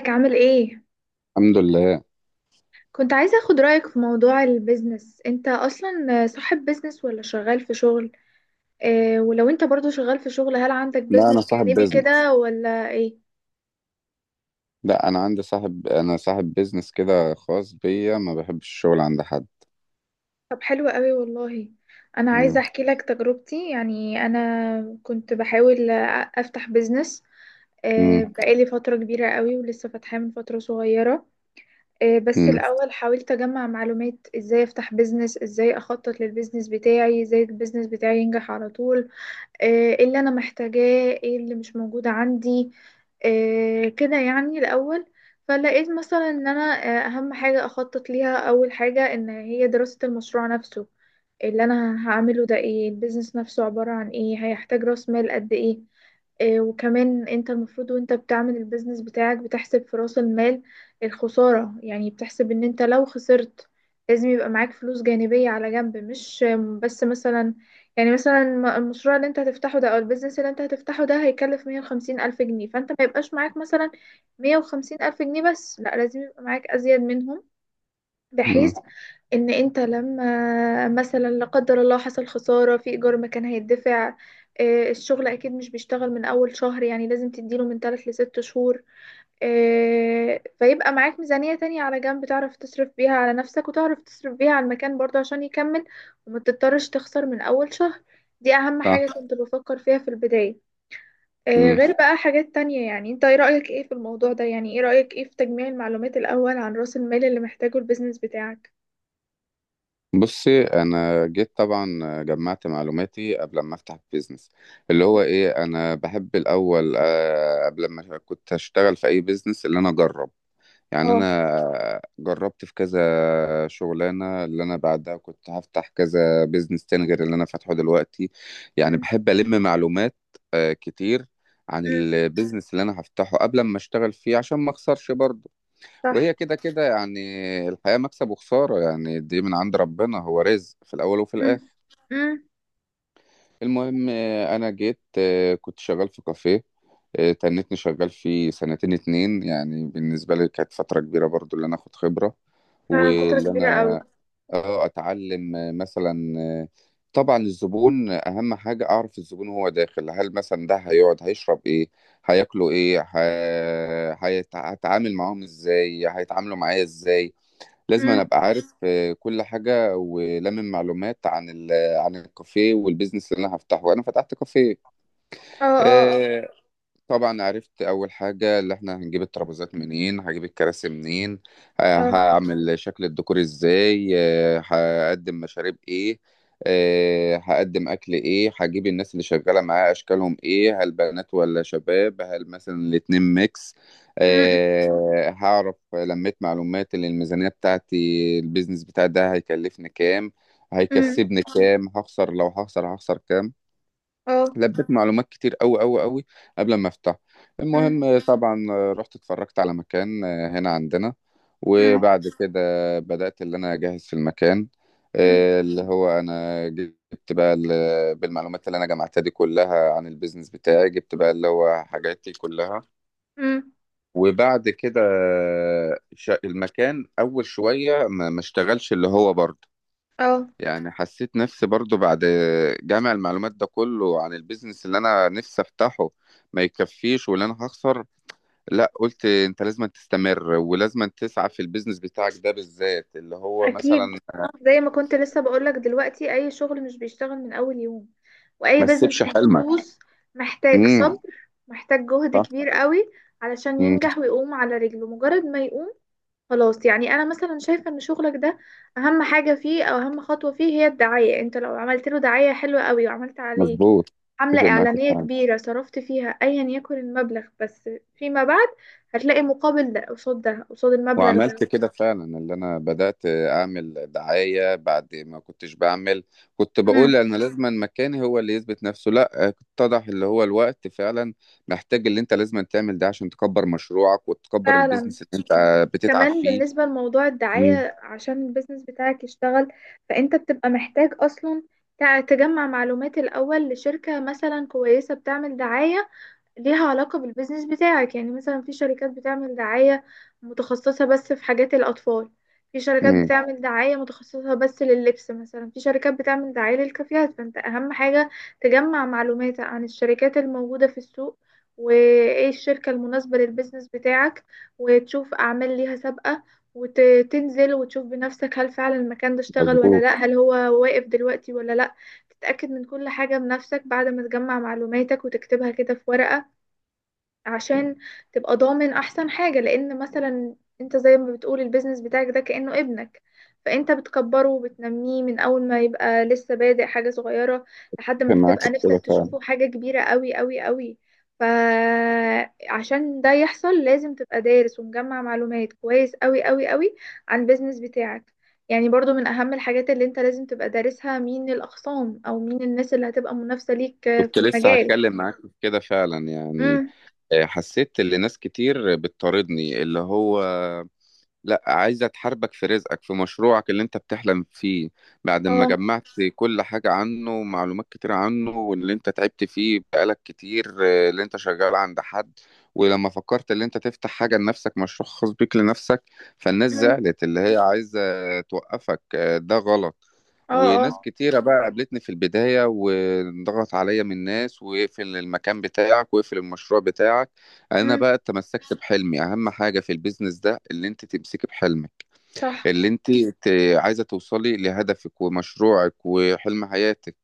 ازيك عامل ايه؟ الحمد لله. كنت عايزة اخد رأيك في موضوع البيزنس. انت اصلا صاحب بيزنس ولا شغال في شغل؟ اه، ولو انت برضو شغال في شغل، هل عندك لا، انا بيزنس صاحب جانبي بيزنس. كده ولا ايه؟ لا، انا صاحب بيزنس كده خاص بيا، ما بحبش الشغل عند حد. طب حلو قوي والله. انا عايزة مم. احكي لك تجربتي، يعني انا كنت بحاول افتح بيزنس. اه، مم. بقالي فترة كبيرة قوي، ولسه فاتحاه من فترة صغيرة. اه، بس مم. الاول حاولت اجمع معلومات ازاي افتح بيزنس، ازاي اخطط للبيزنس بتاعي، ازاي البيزنس بتاعي ينجح على طول. آه، ايه اللي انا محتاجاه، ايه اللي مش موجود عندي. كده يعني الاول. فلقيت مثلا ان انا اهم حاجة اخطط ليها اول حاجة ان هي دراسة المشروع نفسه، اللي انا هعمله ده ايه، البيزنس نفسه عبارة عن ايه، هيحتاج راس مال قد ايه. وكمان انت المفروض وانت بتعمل البيزنس بتاعك بتحسب في رأس المال الخسارة، يعني بتحسب ان انت لو خسرت لازم يبقى معاك فلوس جانبية على جنب، مش بس مثلا. يعني مثلا المشروع اللي انت هتفتحه ده او البيزنس اللي انت هتفتحه ده هيكلف 150,000 جنيه، فانت ما يبقاش معاك مثلا 150,000 جنيه بس، لا لازم يبقى معاك أزيد منهم، مم. بحيث ان انت لما مثلا لا قدر الله حصل خسارة في ايجار ما كان هيدفع. الشغل اكيد مش بيشتغل من اول شهر، يعني لازم تديله من 3 لست شهور. فيبقى معاك ميزانية تانية على جنب، تعرف تصرف بيها على نفسك وتعرف تصرف بيها على المكان برضه عشان يكمل، وما تضطرش تخسر من اول شهر. دي اهم حاجة صح. كنت بفكر فيها في البداية. مم. غير بقى حاجات تانية. يعني انت ايه رأيك ايه في الموضوع ده، يعني ايه رأيك ايه في تجميع المعلومات الاول عن رأس المال اللي محتاجه البيزنس بتاعك؟ بصي، انا جيت طبعا، جمعت معلوماتي قبل ما افتح البيزنس. اللي هو ايه، انا بحب الاول قبل ما كنت اشتغل في اي بيزنس اللي انا اجرب، يعني اه. انا جربت في كذا شغلانه اللي انا بعدها كنت هفتح كذا بيزنس تاني غير اللي انا فاتحه دلوقتي. يعني مم. بحب الم معلومات كتير عن مم. البيزنس اللي انا هفتحه قبل ما اشتغل فيه عشان ما اخسرش برضه. صح. وهي كده كده، يعني الحياه مكسب وخساره، يعني دي من عند ربنا، هو رزق في الاول وفي مم. الاخر. مم. المهم انا جيت، كنت شغال في كافيه، تنتني شغال فيه سنتين اتنين، يعني بالنسبة لي كانت فترة كبيرة برضو اللي أنا أخد خبرة. فعلا، فترة واللي كبيرة قوي. انا اه اتعلم مثلا، طبعا الزبون اهم حاجه، اعرف الزبون وهو داخل، هل مثلا ده هيقعد، هيشرب ايه، هياكلوا ايه، هتعامل معاهم ازاي، هيتعاملوا معايا ازاي. لازم انا مم. ابقى عارف كل حاجه، ولمن معلومات عن عن الكافيه والبيزنس اللي انا هفتحه. انا فتحت كافيه، اه، اه، اه. آه، طبعا عرفت اول حاجه اللي احنا هنجيب الترابيزات منين، هجيب الكراسي منين، اه. هعمل شكل الديكور ازاي، هقدم مشاريب ايه، هقدم اكل ايه، هجيب الناس اللي شغاله معايا اشكالهم ايه، هل بنات ولا شباب، هل مثلا الاتنين ميكس. مم. هعرف لميت معلومات اللي الميزانيه بتاعتي، البيزنس بتاع ده هيكلفني كام، مم. هيكسبني كام، هخسر، لو هخسر كام. اه. لبيت معلومات كتير أوي أوي أوي قبل ما افتح. مم. المهم طبعا رحت اتفرجت على مكان هنا عندنا، مم. وبعد كده بدأت اللي أنا أجهز في المكان. مم. اللي هو أنا جبت بقى بالمعلومات اللي أنا جمعتها دي كلها عن البيزنس بتاعي، جبت بقى اللي هو حاجاتي كلها. مم. وبعد كده المكان أول شوية ما اشتغلش، اللي هو برضه اه. يعني حسيت نفسي برضو بعد جمع المعلومات ده كله عن البيزنس اللي انا نفسي افتحه ما يكفيش واللي انا هخسر. لا، قلت انت لازم تستمر ولازم تسعى في البيزنس بتاعك ده بالذات، اللي هو مثلا اكيد. زي ما كنت لسه بقولك دلوقتي، اي شغل مش بيشتغل من اول يوم، واي ما تسيبش بزنس حلمك. مخصوص محتاج امم. صبر، محتاج جهد صح. كبير قوي علشان امم. ينجح ويقوم على رجله. مجرد ما يقوم خلاص، يعني انا مثلا شايفه ان شغلك ده اهم حاجه فيه او اهم خطوه فيه هي الدعايه. انت لو عملت له دعايه حلوه قوي، وعملت عليه مظبوط. حمله اتفق معاك اعلانيه فعلا. كبيره صرفت فيها ايا يكن المبلغ، بس فيما بعد هتلاقي مقابل ده، قصاد ده، قصاد المبلغ ده. وعملت كده فعلا، اللي انا بدأت اعمل دعاية بعد ما كنتش بعمل، كنت مم. بقول انا لازما مكاني هو اللي يثبت نفسه، لا، اتضح اللي هو الوقت فعلا محتاج اللي انت لازما تعمل ده عشان تكبر مشروعك وتكبر فعلا. البيزنس اللي انت بتتعب كمان فيه. بالنسبه لموضوع امم. الدعايه، عشان البيزنس بتاعك يشتغل فانت بتبقى محتاج اصلا تجمع معلومات الاول لشركه مثلا كويسه بتعمل دعايه ليها علاقة بالبيزنس بتاعك. يعني مثلا في شركات بتعمل دعاية متخصصة بس في حاجات الأطفال، في شركات امم. بتعمل دعاية متخصصة بس لللبس مثلا، في شركات بتعمل دعاية للكافيهات. فأنت أهم حاجة تجمع معلومات عن الشركات الموجودة في السوق، وإيه الشركة المناسبة للبيزنس بتاعك، وتشوف أعمال ليها سابقة، وتنزل وتشوف بنفسك هل فعلا المكان ده اشتغل ولا مظبوط. لأ، هل هو واقف دلوقتي ولا لأ. تتأكد من كل حاجة بنفسك بعد ما تجمع معلوماتك وتكتبها كده في ورقة، عشان تبقى ضامن احسن حاجة. لان مثلا انت زي ما بتقول البيزنس بتاعك ده كأنه ابنك، فانت بتكبره وبتنميه من اول ما يبقى لسه بادئ حاجة صغيرة لحد ما كان معاك في بتبقى كده نفسك فعلا. تشوفه حاجة كبيرة قوي قوي قوي. فعشان ده يحصل لازم تبقى دارس ومجمع معلومات كويس قوي قوي قوي عن البيزنس بتاعك. يعني برضو من اهم الحاجات اللي انت لازم تبقى دارسها مين الاخصام او مين الناس اللي هتبقى منافسة ليك في كنت لسه المجال. هتكلم معاك في كده فعلا، يعني امم. حسيت ان ناس كتير بتطاردني، اللي هو لا، عايزة تحاربك في رزقك في مشروعك اللي انت بتحلم فيه، بعد ما اه. جمعت كل حاجة عنه ومعلومات كتير عنه، واللي انت تعبت فيه بقالك كتير اللي انت شغال عند حد، ولما فكرت اللي انت تفتح حاجة لنفسك، مشروع خاص بيك لنفسك، فالناس مم. زعلت اللي هي عايزة توقفك. ده غلط. اه، وناس اه. كتيرة بقى قابلتني في البداية، وضغط عليا من ناس، واقفل المكان بتاعك واقفل المشروع بتاعك. انا امم. بقى تمسكت بحلمي. اهم حاجه في البيزنس ده اللي انت تمسكي بحلمك، صح. اللي انت عايزه توصلي لهدفك ومشروعك وحلم حياتك.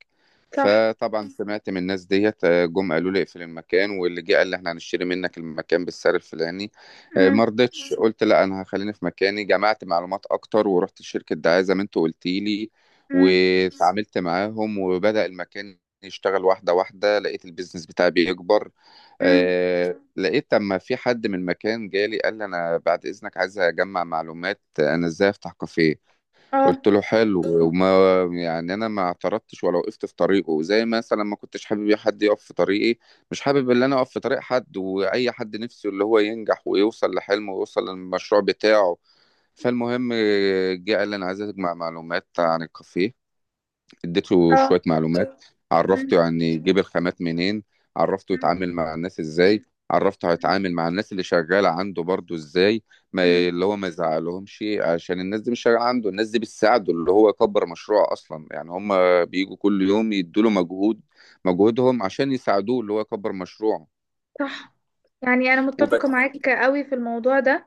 صح. فطبعا سمعت من الناس ديت، جم قالوا لي اقفل المكان، واللي جه قال لي احنا هنشتري منك المكان بالسعر الفلاني. امم. ما رضيتش، قلت لا، انا هخليني في مكاني، جمعت معلومات اكتر، ورحت لشركه دعايه زي ما انت قلتي لي، امم. وتعاملت معاهم وبدأ المكان يشتغل واحده واحده، لقيت البيزنس بتاعي بيكبر. امم. لقيت اما في حد من مكان جالي قال لي انا بعد اذنك عايز اجمع معلومات انا ازاي افتح كافيه. اه. قلت له حلو، يعني انا ما اعترضتش ولا وقفت في طريقه، زي مثلا ما كنتش حابب حد يقف في طريقي، مش حابب ان انا اقف في طريق حد، واي حد نفسه اللي هو ينجح ويوصل لحلمه ويوصل للمشروع بتاعه. فالمهم جه قال لي انا عايز اجمع معلومات عن الكافيه، اديته اه. شوية معلومات، امم. عرفته يعني يجيب الخامات منين، عرفته امم. يتعامل مع الناس ازاي، عرفته هيتعامل مع الناس اللي شغالة عنده برضو ازاي، ما امم. اللي هو ما يزعلهمش عشان الناس دي مش شغالة عنده، الناس دي بتساعده اللي هو يكبر مشروعه أصلا، يعني هم بيجوا كل يوم يدوا له مجهود، مجهودهم عشان يساعدوه اللي هو يكبر مشروعه. صح. يعني انا متفقة وبس. معاك قوي في الموضوع ده.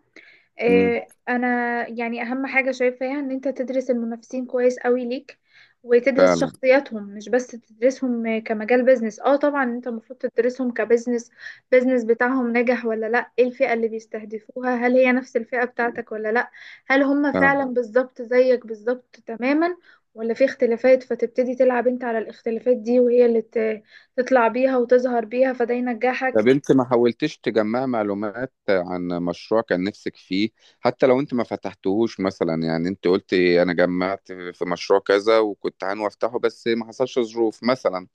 مم. انا يعني اهم حاجه شايفاها ان انت تدرس المنافسين كويس قوي ليك، وتدرس فعلا. شخصياتهم. مش بس تدرسهم كمجال بيزنس، اه طبعا انت المفروض تدرسهم كبزنس. بيزنس بتاعهم نجح ولا لا، ايه الفئه اللي بيستهدفوها، هل هي نفس الفئه بتاعتك ولا لا، هل هم فعلا فعلا. بالظبط زيك بالظبط تماما ولا في اختلافات، فتبتدي تلعب انت على الاختلافات دي وهي اللي تطلع بيها وتظهر بيها فده طب ينجحك. انت ما حاولتش تجمع معلومات عن مشروع كان نفسك فيه، حتى لو انت ما فتحتهوش مثلا؟ يعني انت قلت انا جمعت في مشروع كذا وكنت عنو افتحه، بس ما حصلش ظروف مثلا.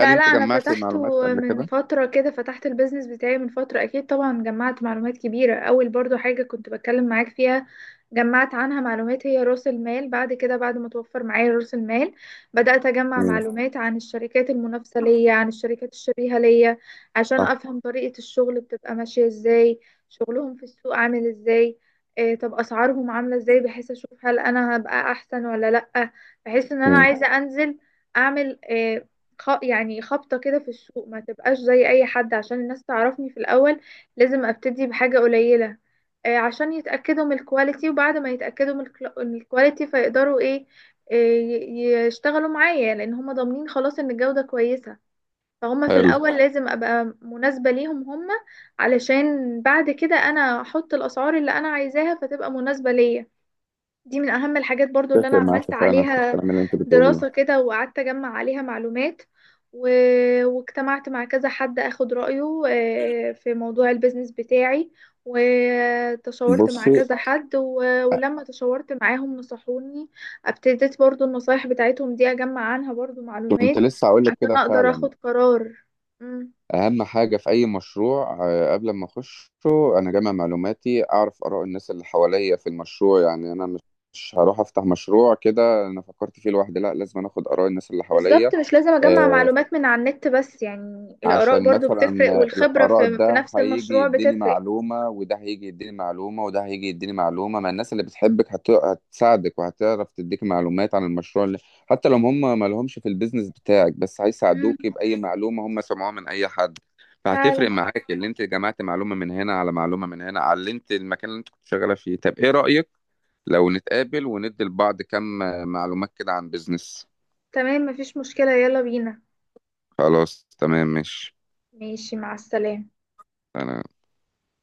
هل لا، انت انا جمعت فتحته معلومات قبل من كده؟ فتره كده. فتحت البيزنس بتاعي من فتره، اكيد طبعا جمعت معلومات كبيره. اول برضو حاجه كنت بتكلم معاك فيها جمعت عنها معلومات هي راس المال. بعد كده، بعد ما توفر معايا راس المال، بدات اجمع امم. معلومات عن الشركات المنافسه ليا، عن الشركات الشبيهه ليا، عشان صح. افهم طريقه الشغل بتبقى ماشيه ازاي، شغلهم في السوق عامل ازاي، إيه طب اسعارهم عامله ازاي، بحيث اشوف هل انا هبقى احسن ولا لا. بحيث ان انا امم. عايزه انزل اعمل يعني خبطة كده في السوق، ما تبقاش زي أي حد. عشان الناس تعرفني في الأول لازم أبتدي بحاجة قليلة، عشان يتأكدوا من الكواليتي. وبعد ما يتأكدوا من الكواليتي فيقدروا إيه، يشتغلوا معايا، لأن هم ضامنين خلاص إن الجودة كويسة. فهم في حلو. الأول لازم أبقى مناسبة ليهم هم، علشان بعد كده أنا أحط الأسعار اللي أنا عايزاها فتبقى مناسبة ليا. دي من أهم الحاجات برضو اللي اتفق أنا معاك عملت فعلا في عليها الكلام اللي انت بتقوليه. دراسة كده، وقعدت أجمع عليها معلومات. و... واجتمعت مع كذا حد أخد رأيه في موضوع البيزنس بتاعي، وتشاورت مع بصي، كذا حد. ولما تشاورت معاهم نصحوني، ابتديت برضو النصايح بتاعتهم دي أجمع عنها برضو معلومات كنت لسه هقول لك عشان كده أقدر فعلا، أخد قرار. مم. اهم حاجه في اي مشروع قبل ما اخشه، انا جامع معلوماتي اعرف اراء الناس اللي حواليا في المشروع، يعني انا مش هروح افتح مشروع كده انا فكرت فيه لوحدي، لا، لازم أنا اخد اراء الناس اللي بالظبط، حواليا. مش لازم أجمع آه، معلومات من على النت بس. يعني الآراء عشان برضو مثلا بتفرق، والخبرة الآراء، في ده نفس هيجي المشروع يديني بتفرق. معلومة وده هيجي يديني معلومة وده هيجي يديني معلومة، ما الناس اللي بتحبك هتساعدك، وهتعرف تديك معلومات عن المشروع اللي حتى لو هم ما لهمش في البيزنس بتاعك، بس هيساعدوك بأي معلومة هم سمعوها من أي حد. فعلا. فهتفرق معاك، اللي انت جمعت معلومة من هنا على معلومة من هنا، علمت المكان اللي انت كنت شغالة فيه. طب ايه رأيك لو نتقابل وندي لبعض كم معلومات كده عن بيزنس؟ تمام مفيش مشكلة، يلا بينا. خلاص، تمام، ماشي. ماشي، مع السلامة. أنا